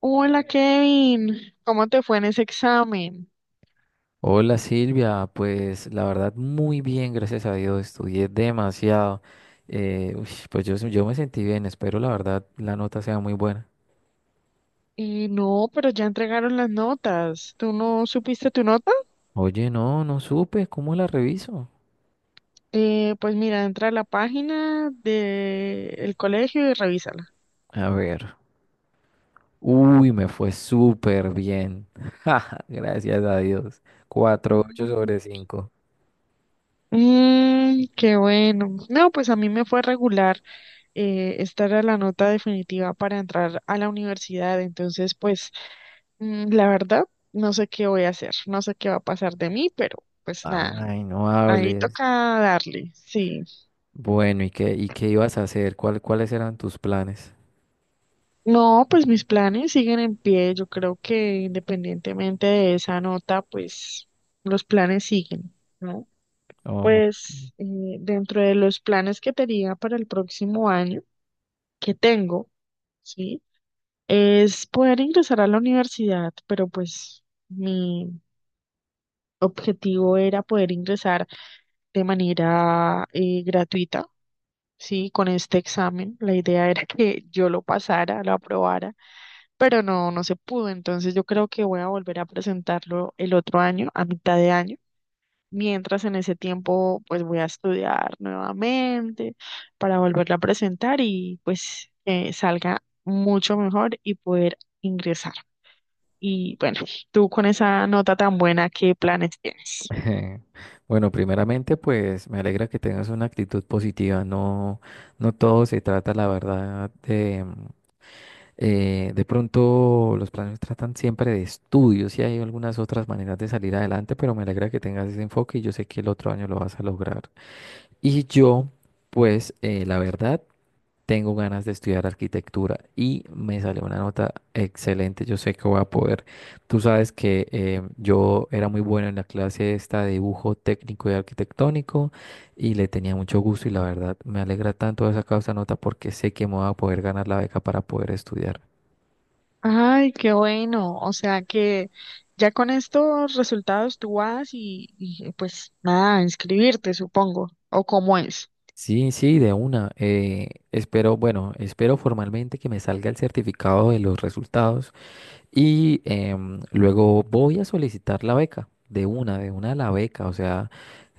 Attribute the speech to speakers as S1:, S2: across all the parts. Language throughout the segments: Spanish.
S1: Hola Kevin, ¿cómo te fue en ese examen?
S2: Hola Silvia, pues la verdad muy bien, gracias a Dios, estudié demasiado. Pues yo me sentí bien, espero la verdad la nota sea muy buena.
S1: No, pero ya entregaron las notas. ¿Tú no supiste tu nota?
S2: Oye, no supe. ¿Cómo la reviso?
S1: Pues mira, entra a la página del colegio y revísala.
S2: A ver, uy, me fue súper bien. Ja, gracias a Dios. cuatro punto ocho
S1: Mm.
S2: sobre cinco.
S1: Mm, qué bueno. No, pues a mí me fue regular. Esta era la nota definitiva para entrar a la universidad. Entonces, pues la verdad, no sé qué voy a hacer, no sé qué va a pasar de mí, pero pues nada,
S2: Ay, no
S1: ahí
S2: hables.
S1: toca darle, sí.
S2: Bueno, ¿y qué ibas a hacer? ¿Cuál, cuáles eran tus planes?
S1: No, pues mis planes siguen en pie. Yo creo que independientemente de esa nota, pues los planes siguen, ¿no? Pues dentro de los planes que tenía para el próximo año, que tengo, ¿sí? Es poder ingresar a la universidad, pero pues mi objetivo era poder ingresar de manera gratuita, ¿sí? Con este examen. La idea era que yo lo pasara, lo aprobara, pero no, no se pudo. Entonces yo creo que voy a volver a presentarlo el otro año, a mitad de año. Mientras en ese tiempo, pues voy a estudiar nuevamente para volverlo a presentar y pues salga mucho mejor y poder ingresar. Y bueno, tú con esa nota tan buena, ¿qué planes tienes?
S2: Bueno, primeramente, pues me alegra que tengas una actitud positiva. No, no todo se trata, la verdad, de pronto los planes tratan siempre de estudios y hay algunas otras maneras de salir adelante, pero me alegra que tengas ese enfoque y yo sé que el otro año lo vas a lograr. Y yo, pues, la verdad tengo ganas de estudiar arquitectura y me sale una nota excelente. Yo sé que voy a poder. Tú sabes que yo era muy bueno en la clase esta de dibujo técnico y arquitectónico y le tenía mucho gusto, y la verdad me alegra tanto haber sacado esa nota porque sé que me voy a poder ganar la beca para poder estudiar.
S1: Ay, qué bueno. O sea que ya con estos resultados tú vas y pues nada, inscribirte, supongo, o cómo es.
S2: Sí, sí, de una. Espero, bueno, espero formalmente que me salga el certificado de los resultados. Y luego voy a solicitar la beca, de una la beca. O sea,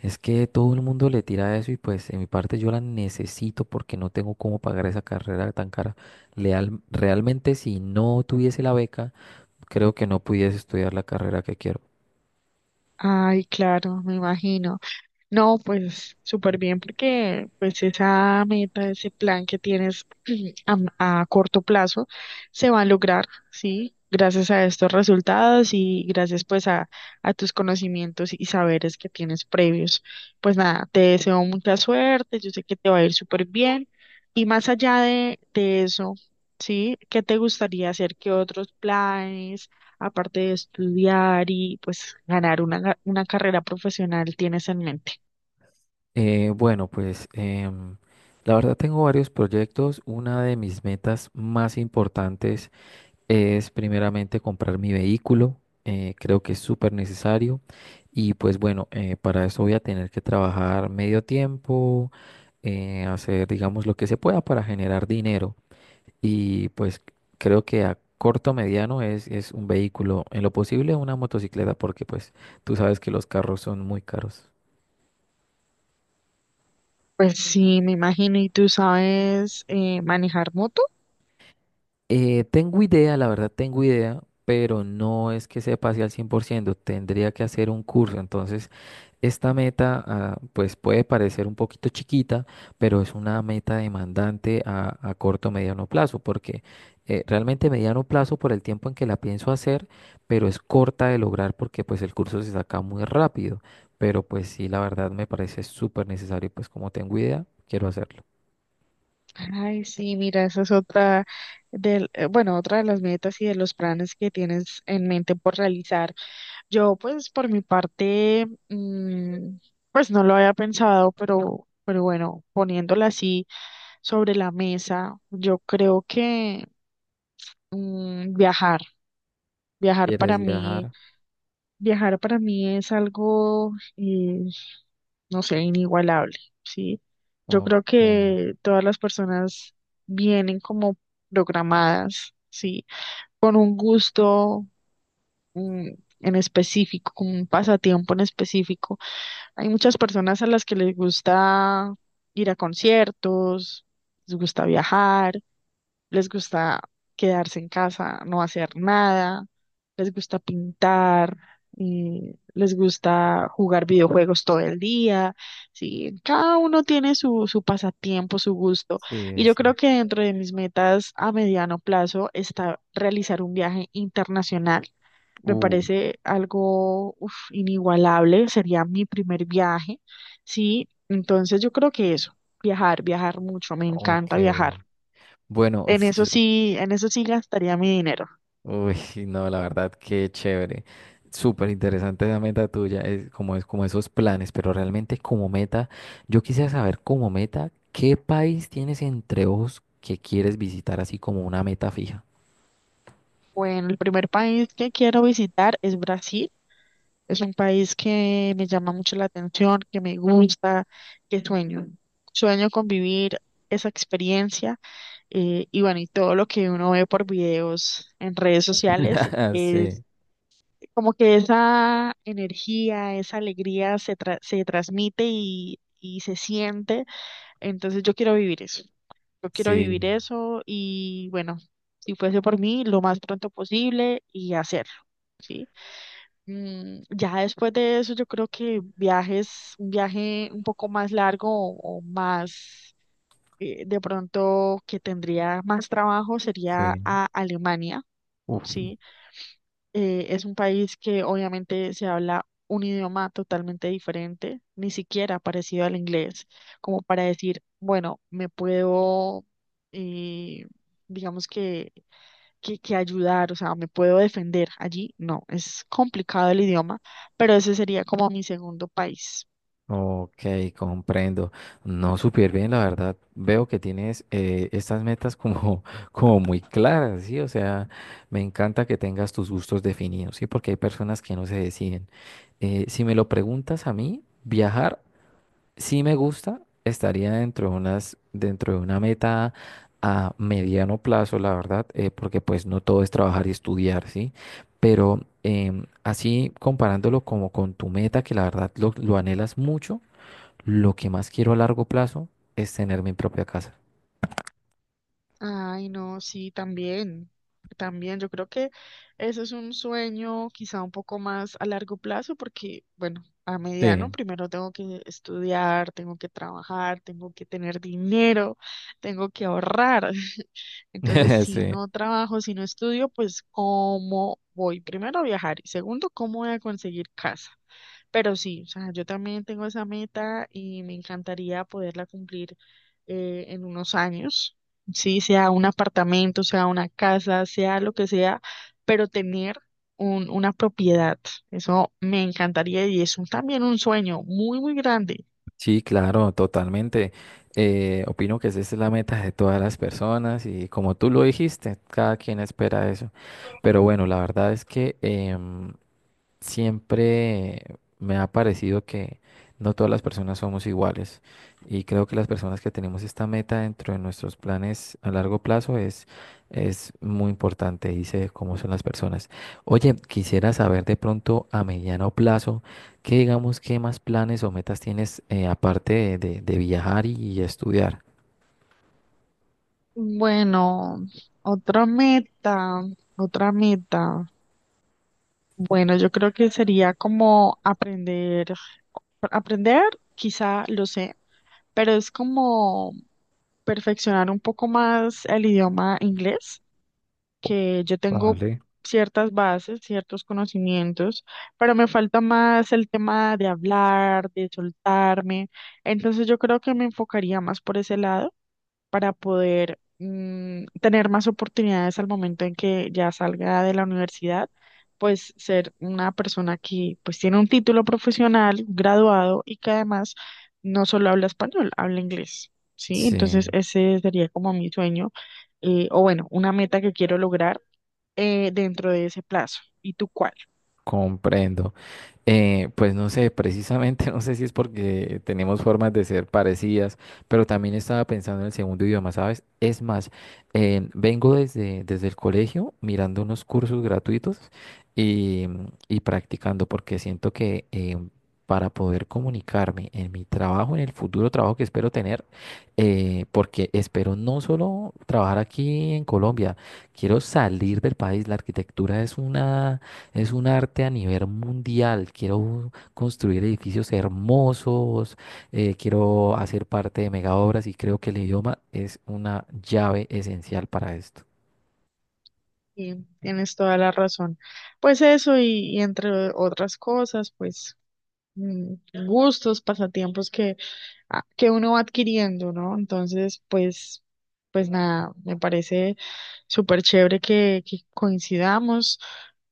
S2: es que todo el mundo le tira eso y pues en mi parte yo la necesito porque no tengo cómo pagar esa carrera tan cara. Realmente, si no tuviese la beca, creo que no pudiese estudiar la carrera que quiero.
S1: Ay, claro, me imagino. No, pues súper bien porque pues esa meta, ese plan que tienes a corto plazo se va a lograr, ¿sí? Gracias a estos resultados y gracias pues a tus conocimientos y saberes que tienes previos. Pues nada, te deseo mucha suerte, yo sé que te va a ir súper bien y más allá de eso, ¿sí? ¿Qué te gustaría hacer? ¿Qué otros planes aparte de estudiar y pues ganar una carrera profesional tienes en mente?
S2: Bueno, pues la verdad tengo varios proyectos. Una de mis metas más importantes es primeramente comprar mi vehículo. Creo que es súper necesario. Y pues bueno, para eso voy a tener que trabajar medio tiempo, hacer, digamos, lo que se pueda para generar dinero. Y pues creo que a corto mediano es un vehículo, en lo posible una motocicleta, porque pues tú sabes que los carros son muy caros.
S1: Pues sí, me imagino. ¿Y tú sabes manejar moto?
S2: Tengo idea, la verdad tengo idea, pero no es que sepa así al 100%. Tendría que hacer un curso. Entonces esta meta pues puede parecer un poquito chiquita, pero es una meta demandante a corto mediano plazo, porque realmente mediano plazo por el tiempo en que la pienso hacer, pero es corta de lograr porque pues el curso se saca muy rápido, pero pues sí, la verdad me parece súper necesario, pues como tengo idea, quiero hacerlo.
S1: Ay, sí, mira, esa es otra bueno, otra de las metas y de los planes que tienes en mente por realizar. Yo, pues, por mi parte, pues no lo había pensado, pero bueno, poniéndola así sobre la mesa, yo creo que viajar, viajar para
S2: ¿Quieres
S1: mí,
S2: viajar?
S1: viajar para mí es algo no sé, inigualable, ¿sí? Yo creo
S2: Ok,
S1: que todas las personas vienen como programadas, ¿sí? Con un gusto mm, en específico, con un pasatiempo en específico. Hay muchas personas a las que les gusta ir a conciertos, les gusta viajar, les gusta quedarse en casa, no hacer nada, les gusta pintar, les gusta jugar videojuegos todo el día, sí, cada uno tiene su, su pasatiempo, su gusto.
S2: sí,
S1: Y yo
S2: es.
S1: creo que dentro de mis metas a mediano plazo está realizar un viaje internacional. Me
S2: Uh,
S1: parece algo uf, inigualable, sería mi primer viaje, sí, entonces yo creo que eso, viajar, viajar mucho, me
S2: ok.
S1: encanta viajar.
S2: Bueno, uy,
S1: En eso sí gastaría mi dinero.
S2: uy, sí, no, la verdad, qué chévere. Súper interesante esa meta tuya, es como esos planes, pero realmente como meta, yo quisiera saber como meta, ¿qué país tienes entre ojos que quieres visitar así como una meta fija?
S1: Bueno, el primer país que quiero visitar es Brasil. Es un país que me llama mucho la atención, que me gusta, que sueño. Sueño con vivir esa experiencia y bueno, y todo lo que uno ve por videos en redes sociales es
S2: Sí,
S1: como que esa energía, esa alegría se transmite y se siente. Entonces yo quiero vivir eso. Yo quiero
S2: sí,
S1: vivir eso y bueno, si fuese por mí, lo más pronto posible y hacerlo, ¿sí? Mm, ya después de eso, yo creo que viajes, un viaje un poco más largo o más, de pronto que tendría más trabajo sería
S2: sí.
S1: a Alemania,
S2: Uf.
S1: ¿sí? Es un país que obviamente se habla un idioma totalmente diferente, ni siquiera parecido al inglés, como para decir, bueno, me puedo, eh, digamos que ayudar, o sea, me puedo defender allí. No, es complicado el idioma, pero ese sería como mi segundo país.
S2: Ok, comprendo. No, súper bien, la verdad. Veo que tienes estas metas como, como muy claras, ¿sí? O sea, me encanta que tengas tus gustos definidos, ¿sí? Porque hay personas que no se deciden. Si me lo preguntas a mí, viajar sí me gusta, estaría dentro de unas, dentro de una meta a mediano plazo, la verdad, porque pues no todo es trabajar y estudiar, ¿sí? Pero así comparándolo como con tu meta, que la verdad lo anhelas mucho. Lo que más quiero a largo plazo es tener mi propia casa.
S1: Ay, no, sí, también, también. Yo creo que eso es un sueño quizá un poco más a largo plazo porque, bueno, a
S2: Sí,
S1: mediano primero tengo que estudiar, tengo que trabajar, tengo que tener dinero, tengo que ahorrar. Entonces, si
S2: sí,
S1: no trabajo, si no estudio, pues ¿cómo voy? Primero a viajar y segundo, ¿cómo voy a conseguir casa? Pero sí, o sea, yo también tengo esa meta y me encantaría poderla cumplir en unos años, sí, sea un apartamento, sea una casa, sea lo que sea, pero tener una propiedad, eso me encantaría y es también un sueño muy, muy grande.
S2: sí, claro, totalmente. Opino que esa es la meta de todas las personas y como tú lo dijiste, cada quien espera eso. Pero bueno, la verdad es que siempre me ha parecido que no todas las personas somos iguales, y creo que las personas que tenemos esta meta dentro de nuestros planes a largo plazo es muy importante, dice cómo son las personas. Oye, quisiera saber de pronto a mediano plazo, ¿qué digamos, qué más planes o metas tienes aparte de, de viajar y estudiar?
S1: Bueno, otra meta, otra meta. Bueno, yo creo que sería como aprender, aprender, quizá lo sé, pero es como perfeccionar un poco más el idioma inglés, que yo tengo
S2: Vale.
S1: ciertas bases, ciertos conocimientos, pero me falta más el tema de hablar, de soltarme. Entonces yo creo que me enfocaría más por ese lado para poder tener más oportunidades al momento en que ya salga de la universidad, pues ser una persona que pues tiene un título profesional, graduado y que además no solo habla español, habla inglés, ¿sí? Entonces
S2: Sí,
S1: ese sería como mi sueño, o bueno, una meta que quiero lograr dentro de ese plazo. ¿Y tú cuál?
S2: comprendo. Pues no sé, precisamente no sé si es porque tenemos formas de ser parecidas, pero también estaba pensando en el segundo idioma, ¿sabes? Es más, vengo desde, desde el colegio mirando unos cursos gratuitos y, y practicando, porque siento que para poder comunicarme en mi trabajo, en el futuro trabajo que espero tener, porque espero no solo trabajar aquí en Colombia, quiero salir del país, la arquitectura es una es un arte a nivel mundial. Quiero construir edificios hermosos, quiero hacer parte de mega obras y creo que el idioma es una llave esencial para esto.
S1: Y tienes toda la razón. Pues eso y entre otras cosas, pues mm, gustos, pasatiempos que que uno va adquiriendo, ¿no? Entonces, pues, pues nada, me parece súper chévere que coincidamos.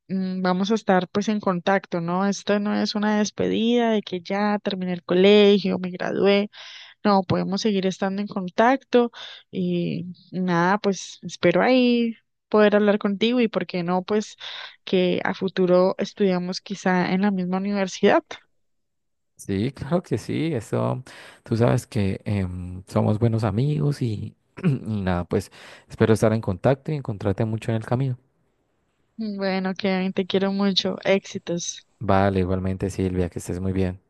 S1: Mm, vamos a estar pues en contacto, ¿no? Esto no es una despedida de que ya terminé el colegio, me gradué. No, podemos seguir estando en contacto y nada, pues espero ahí poder hablar contigo y por qué no, pues que a futuro estudiamos quizá en la misma universidad.
S2: Sí, claro que sí. Eso, tú sabes que somos buenos amigos y, y nada, pues espero estar en contacto y encontrarte mucho en el camino.
S1: Bueno, Kevin, te quiero mucho. Éxitos.
S2: Vale, igualmente Silvia, que estés muy bien.